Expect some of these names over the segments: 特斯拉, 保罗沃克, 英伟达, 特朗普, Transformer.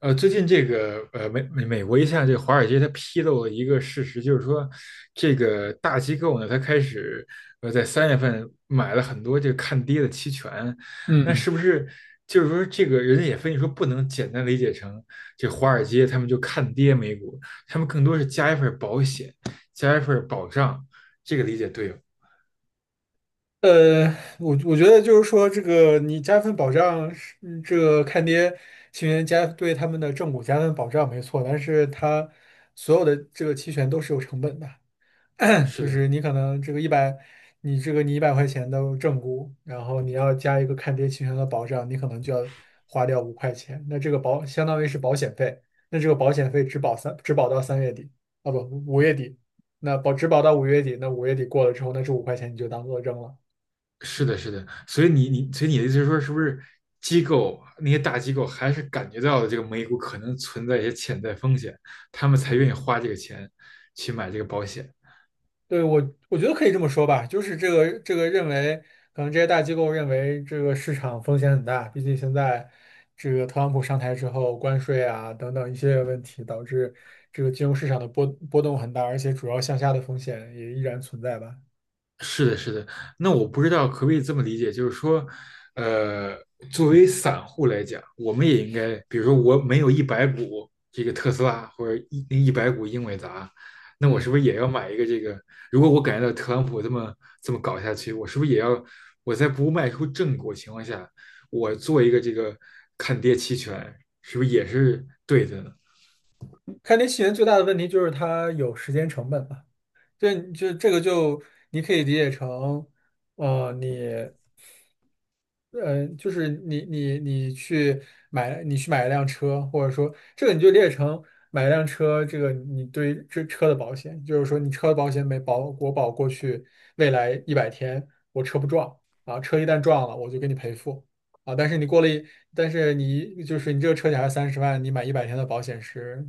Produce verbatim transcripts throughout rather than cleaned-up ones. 呃，最近这个呃美美美国一项这个华尔街它披露了一个事实，就是说这个大机构呢，它开始呃在三月份买了很多这个看跌的期权，那嗯，是不是就是说这个人家也分析说不能简单理解成这华尔街他们就看跌美股，他们更多是加一份保险，加一份保障，这个理解对吗？呃，我我觉得就是说，这个你加份保障是嗯这个看跌期权加对他们的正股加份保障没错。但是它所有的这个期权都是有成本的，是就的。是你可能这个一百，你这个你一百块钱的正估，然后你要加一个看跌期权的保障，你可能就要花掉五块钱。那这个保相当于是保险费，那这个保险费只保三，只保到三月底，啊不，五月底。那保只保到五月底，那五月底过了之后，那这五块钱你就当做扔了。是的，嗯是的，所以你你所以你的意思是说，是不是机构那些大机构还是感觉到了这个美股可能存在一些潜在风险，他们才嗯。愿意花这个钱去买这个保险？对，我我觉得可以这么说吧。就是这个这个认为，可能这些大机构认为这个市场风险很大。毕竟现在这个特朗普上台之后，关税啊等等一系列问题，导致这个金融市场的波波动很大，而且主要向下的风险也依然存在吧。是的，是的。那我不知道可不可以这么理解，就是说，呃，作为散户来讲，我们也应该，比如说我没有一百股这个特斯拉或者一一百股英伟达，那我是不嗯，是也要买一个这个？如果我感觉到特朗普这么这么搞下去，我是不是也要我在不卖出正果情况下，我做一个这个看跌期权，是不是也是对的呢？看跌期权最大的问题就是它有时间成本吧。这就这个就你可以理解成，呃，你。嗯呃，就是你你你去买你去买一辆车，或者说这个你就列成买一辆车。这个你对于这车的保险，就是说你车的保险没保，我保过去未来一百天我车不撞啊，车一旦撞了我就给你赔付啊。但是你过了一，但是你就是你这个车险还是三十万，你买一百天的保险是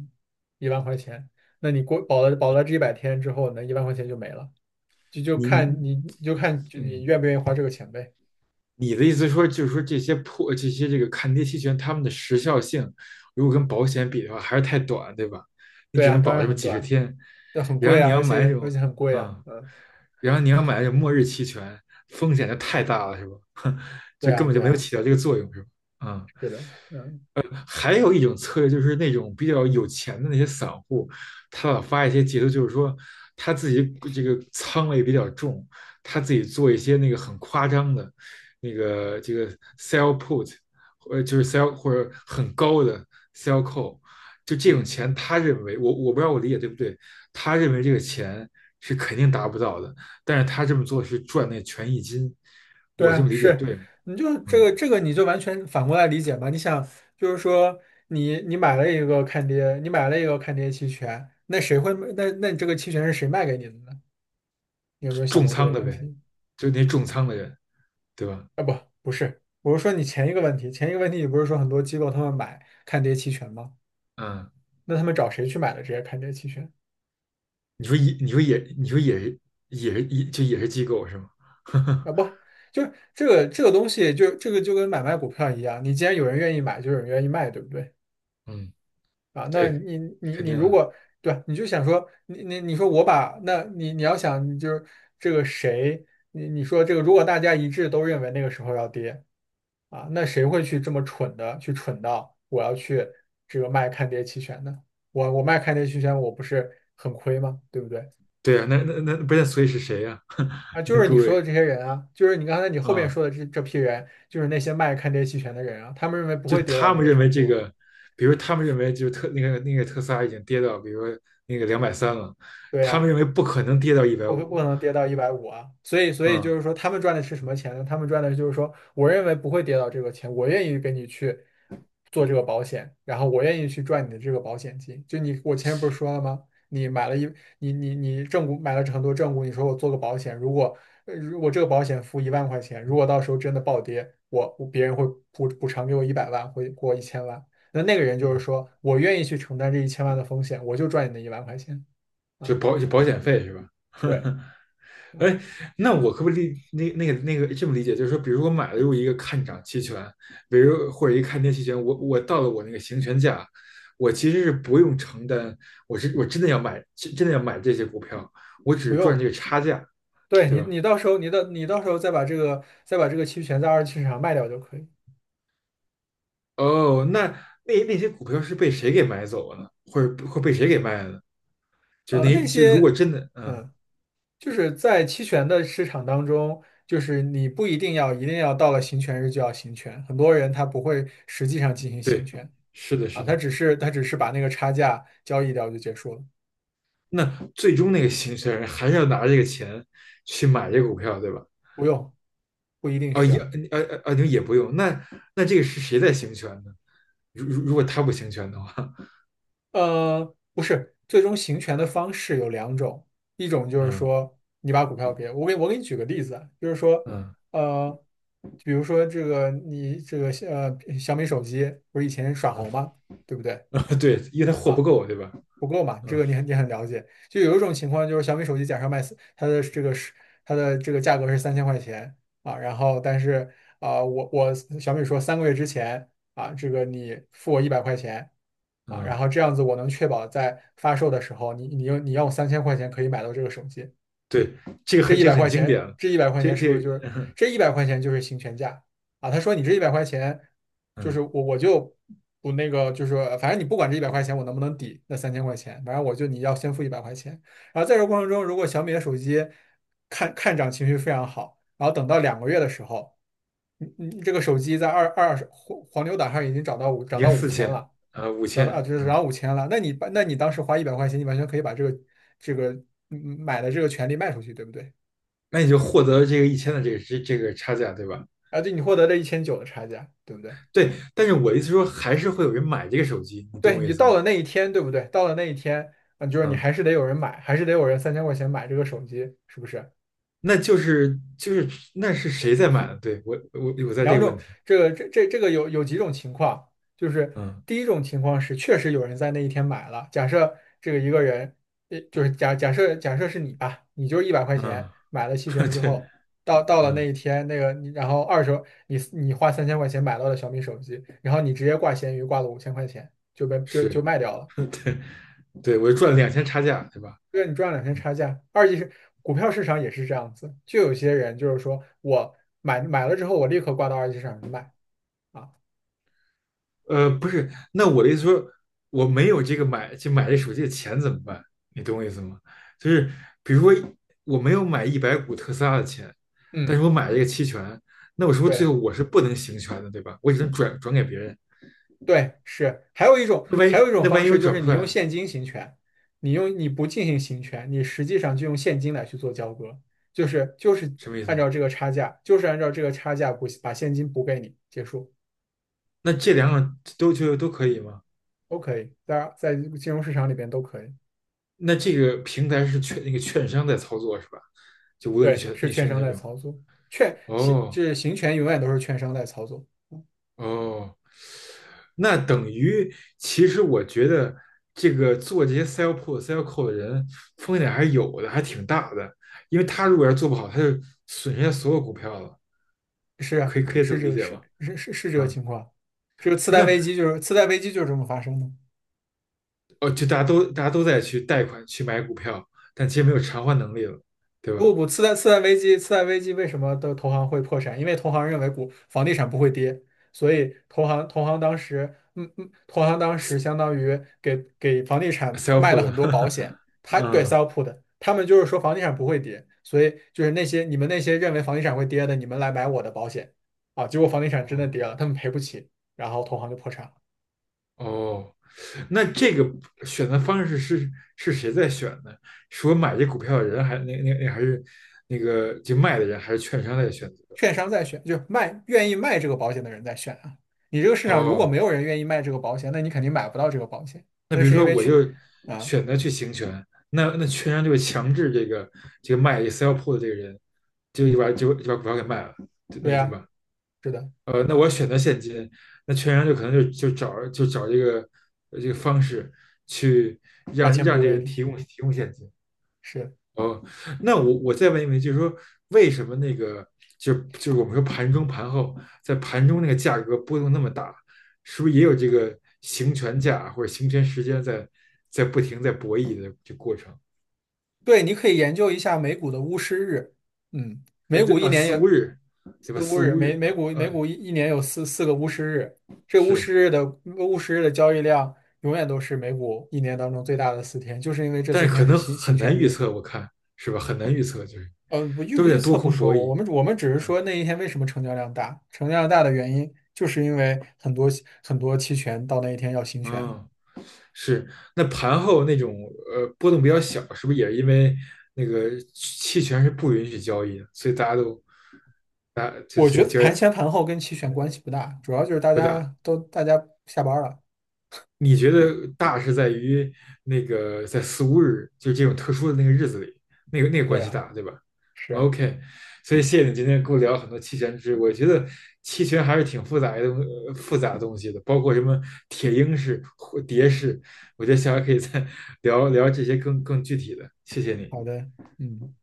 一万块钱。那你过保了保了这一百天之后呢，一万块钱就没了，就就你看你你就看就你嗯。愿不愿意花这个钱呗。你的意思说，就是说这些破这些这个看跌期权，它们的时效性，如果跟保险比的话，还是太短，对吧？你对只啊，能当保然这么很几十短。天，那很然贵后你啊，要而买那且而且种，很贵啊。嗯，嗯，然后你要买那种末日期权，风险就太大了，是吧？对就根啊，本对就没有啊，起到这个作用，是吧？嗯。是的，嗯还有一种策略就是那种比较有钱的那些散户，他老发一些截图，就是说他自己这个仓位比较重，他自己做一些那个很夸张的，那个这个 sell put，呃，就是 sell 或者很高的 sell call，就这种嗯，钱，他认为我我不知道我理解对不对，他认为这个钱是肯定达不到的，但是他这么做是赚那权益金，对我这啊，么理解是，对吗？你就这嗯。个这个你就完全反过来理解嘛。你想就是说你你买了一个看跌，你买了一个看跌期权。那谁会那那你这个期权是谁卖给你的呢？你有没有想重过这仓个的问呗，题？就那重仓的人，对吧？啊，不，不是，我是说你前一个问题，前一个问题。你不是说很多机构他们买看跌期权吗？嗯，那他们找谁去买的这些看跌期权？你说也，你说也，你说也是，也是，也就也是机构是吗？啊，不，就是这个这个东西就，这个就跟买卖股票一样。你既然有人愿意买，就有人愿意卖，对不对？嗯，啊，那对，你你肯你定如的，果对。你就想说，你你你说我把，那你你要想，你就是这个谁，你你说这个，如果大家一致都认为那个时候要跌啊，那谁会去这么蠢的去蠢到我要去这个卖看跌期权呢？我我卖看跌期权，我不是很亏吗？对不对？对啊，那那那不是，所以是谁呀、啊，就那是各你说的位这些人啊。就是你刚才你后面啊，说的这这批人。就是那些卖看跌期权的人啊，他们认为不就会跌到他那们个认为程度这啊。个，比如他们认为就特那个那个特斯拉已经跌到，比如说那个两百三了，对他呀、们认为不可能跌到一百我会不五可能跌到一百五啊。所以所以就啊，是说，他们赚的是什么钱呢？他们赚的就是说，我认为不会跌到这个钱，我愿意给你去做这个保险，然后我愿意去赚你的这个保险金。就你，我前面不是说了吗？你买了一，你你你正股买了很多正股，你说我做个保险。如果呃如果这个保险付一万块钱，如果到时候真的暴跌，我我别人会补补偿给我一百万，会给我一千万。那那个人就是嗯，说我愿意去承担这一千万的风险，我就赚你那一万块钱就啊。保就保险费是吧？对 啊，哎，那我可不可以理那那个那个这么理解，就是说，比如我买入一个看涨期权，比如或者一个看跌期权，我我到了我那个行权价，我其实是不用承担，我是我真的要买，真真的要买这些股票，我你不只赚用。这个差价，对对你，吧？你到时候你的你到时候再把这个再把这个期权在二级市场卖掉就可以。哦，那那那些股票是被谁给买走了呢？或者或被谁给卖了呢？就呃，那那就如果些，真的，嗯，嗯，就是在期权的市场当中，就是你不一定要一定要到了行权日就要行权。很多人他不会实际上进行行对，权是的，啊，是他的。只是他只是把那个差价交易掉就结束了。那最终那个行权人还是要拿这个钱去买这个股票，对吧？不用，不一定哦，需也，要。呃呃呃，你也不用。那那这个是谁在行权呢？如如如果他不行权的话，呃，不是，最终行权的方式有两种。一种就是嗯说你把股票给我给我给你举个例子啊。就是说，嗯呃，比如说这个你这个呃小米手机不是以前耍嗯。猴吗？对不对 对，因为他货不啊？够，对吧？不够嘛，这嗯个你很你很了解。就有一种情况就是小米手机假设卖四它的这个是它的这个价格是三千块钱啊。然后但是啊、我我小米说三个月之前啊，这个你付我一百块钱啊。然嗯。后这样子我能确保在发售的时候，你你用你用三千块钱可以买到这个手机。对，这个这很一这百个很块经典钱，了，这一百块这钱是不这是就是这一百块钱就是行权价啊？他说你这一百块钱，就是嗯，我我就不那个，就是反正你不管这一百块钱我能不能抵那三千块钱。反正我就你要先付一百块钱。然后在这过程中，如果小米的手机看看涨情绪非常好。然后等到两个月的时候，你你这个手机在二二手黄黄牛档上已经涨到五已涨经到五四千千了。啊五涨千，到啊就是涨嗯，到五千了。那你把那你当时花一百块钱，你完全可以把这个这个嗯买的这个权利卖出去，对不对？那你就获得了这个一千的这个这这个差价，对吧？啊，对，你获得了一千九的差价，对不对？对，但是我的意思说，还是会有人买这个手机，你懂对，我你意就思到吗？了那一天，对不对？到了那一天，啊，就是你嗯，还是得有人买，还是得有人三千块钱买这个手机，是不是？那就是就是那是谁在买的对我我我在这两个问种，题。这个这这这个有有几种情况。就是嗯第一种情况是确实有人在那一天买了，假设这个一个人，呃，就是假假设假设是你吧。你就一百块嗯，钱买了期权 之对，后，到到了那嗯。一天，那个你然后二手你你花三千块钱买到了小米手机。然后你直接挂闲鱼挂了五千块钱就被就就是，卖掉了。对对，我就赚了两千差价，对吧？对，你赚两天嗯，差价。二级市股票市场也是这样子。就有些人就是说我买买了之后，我立刻挂到二级市场去卖啊。呃，不是，那我的意思说，我没有这个买就买这手机的钱怎么办？你懂我意思吗？就是比如说我没有买一百股特斯拉的钱，但嗯，是我买了一个期权，那我是不是最对后我是不能行权的，对吧？我只能转转给别人。对是。还有一种那万还一有一种那万方一我式就转是不出你来用呢？现金行权。你用你不进行行权，你实际上就用现金来去做交割。就是就是什么意按思？照这个差价，就是按照这个差价补把现金补给你，结束。那这两种都就都可以吗？都可以，在在金融市场里边都可以。那这个平台是券那个券商在操作是吧？就无论你对，选是你券选商哪在种？操作。券行哦就是行权永远都是券商在操作。哦。那等于，其实我觉得这个做这些 sell pull、sell call 的人风险还是有的，还挺大的。因为他如果要做不好，他就损失家所有股票了。是啊可以可以这是么这理个解是吗？是是是这个啊，情况。这个次贷危那机就是次贷危机就是这么发生的。哦，就大家都大家都在去贷款去买股票，但其实没有偿还能力了，对不吧不，次贷次贷危机次贷危机为什么的投行会破产？因为投行认为股房地产不会跌。所以投行投行当时嗯嗯，投行当时相当于给给房地产？sell 卖 pull 了很的，多呵保呵险。他对 嗯。sell put，他们就是说房地产不会跌，所以就是那些你们那些认为房地产会跌的，你们来买我的保险啊。结果房地产真的哦，跌了，他们赔不起，然后投行就破产了。哦，那这个选择方式是是谁在选呢？是我买这股票的人，还那那那还是那个就卖的人，还是券商在选择？券商在选，就是卖愿意卖这个保险的人在选啊。你这个市场如果没哦，有人愿意卖这个保险，那你肯定买不到这个保险。那那比如是因说为我去就啊。选择去行权，那那券商就会强制这个这个卖 sell put 的这个人，就就把就就把股票给卖了，对那对个对呀，吧？是的，呃，那我选嗯，择现金，那券商就可能就就找就找这个呃这个方式去把让钱让补这给人你，提供提供现金。是。哦，那我我再问一问，就是说为什么那个就就是我们说盘中盘后，在盘中那个价格波动那么大，是不是也有这个行权价或者行权时间在在不停在博弈的这过程？对，你可以研究一下美股的巫师日。嗯，呃，美股这一啊年四有五日，对吧？四巫四日，五美日，美嗯、股美呃、股一一年有四四个巫师日。这巫是，师日的巫师日的交易量永远都是美股一年当中最大的四天，就是因为这四但是可天是能行行很难权预日。测，我看是吧？很难预测，就是呃，不预都不是在预多测不空说。博我弈。们我们只是嗯，说那一天为什么成交量大，成交量大的原因就是因为很多很多期权到那一天要行权。哦是，那盘后那种呃波动比较小，是不是也是因为那个期权是不允许交易的，所以大家都大就我所觉以得交易盘前盘后跟期权关系不大，主要就是大不大？家都大家下班了。你觉得大是在于那个在四五日，就这种特殊的那个日子里，那个那个对关系啊，大，对吧是啊，？OK，所以谢谢你今天跟我聊很多期权知识，我觉得期权还是挺复杂的东呃复杂的东西的，包括什么铁鹰式、或蝶式，我觉得下回可以再 聊聊这些更更具体的。谢谢你。好的，嗯。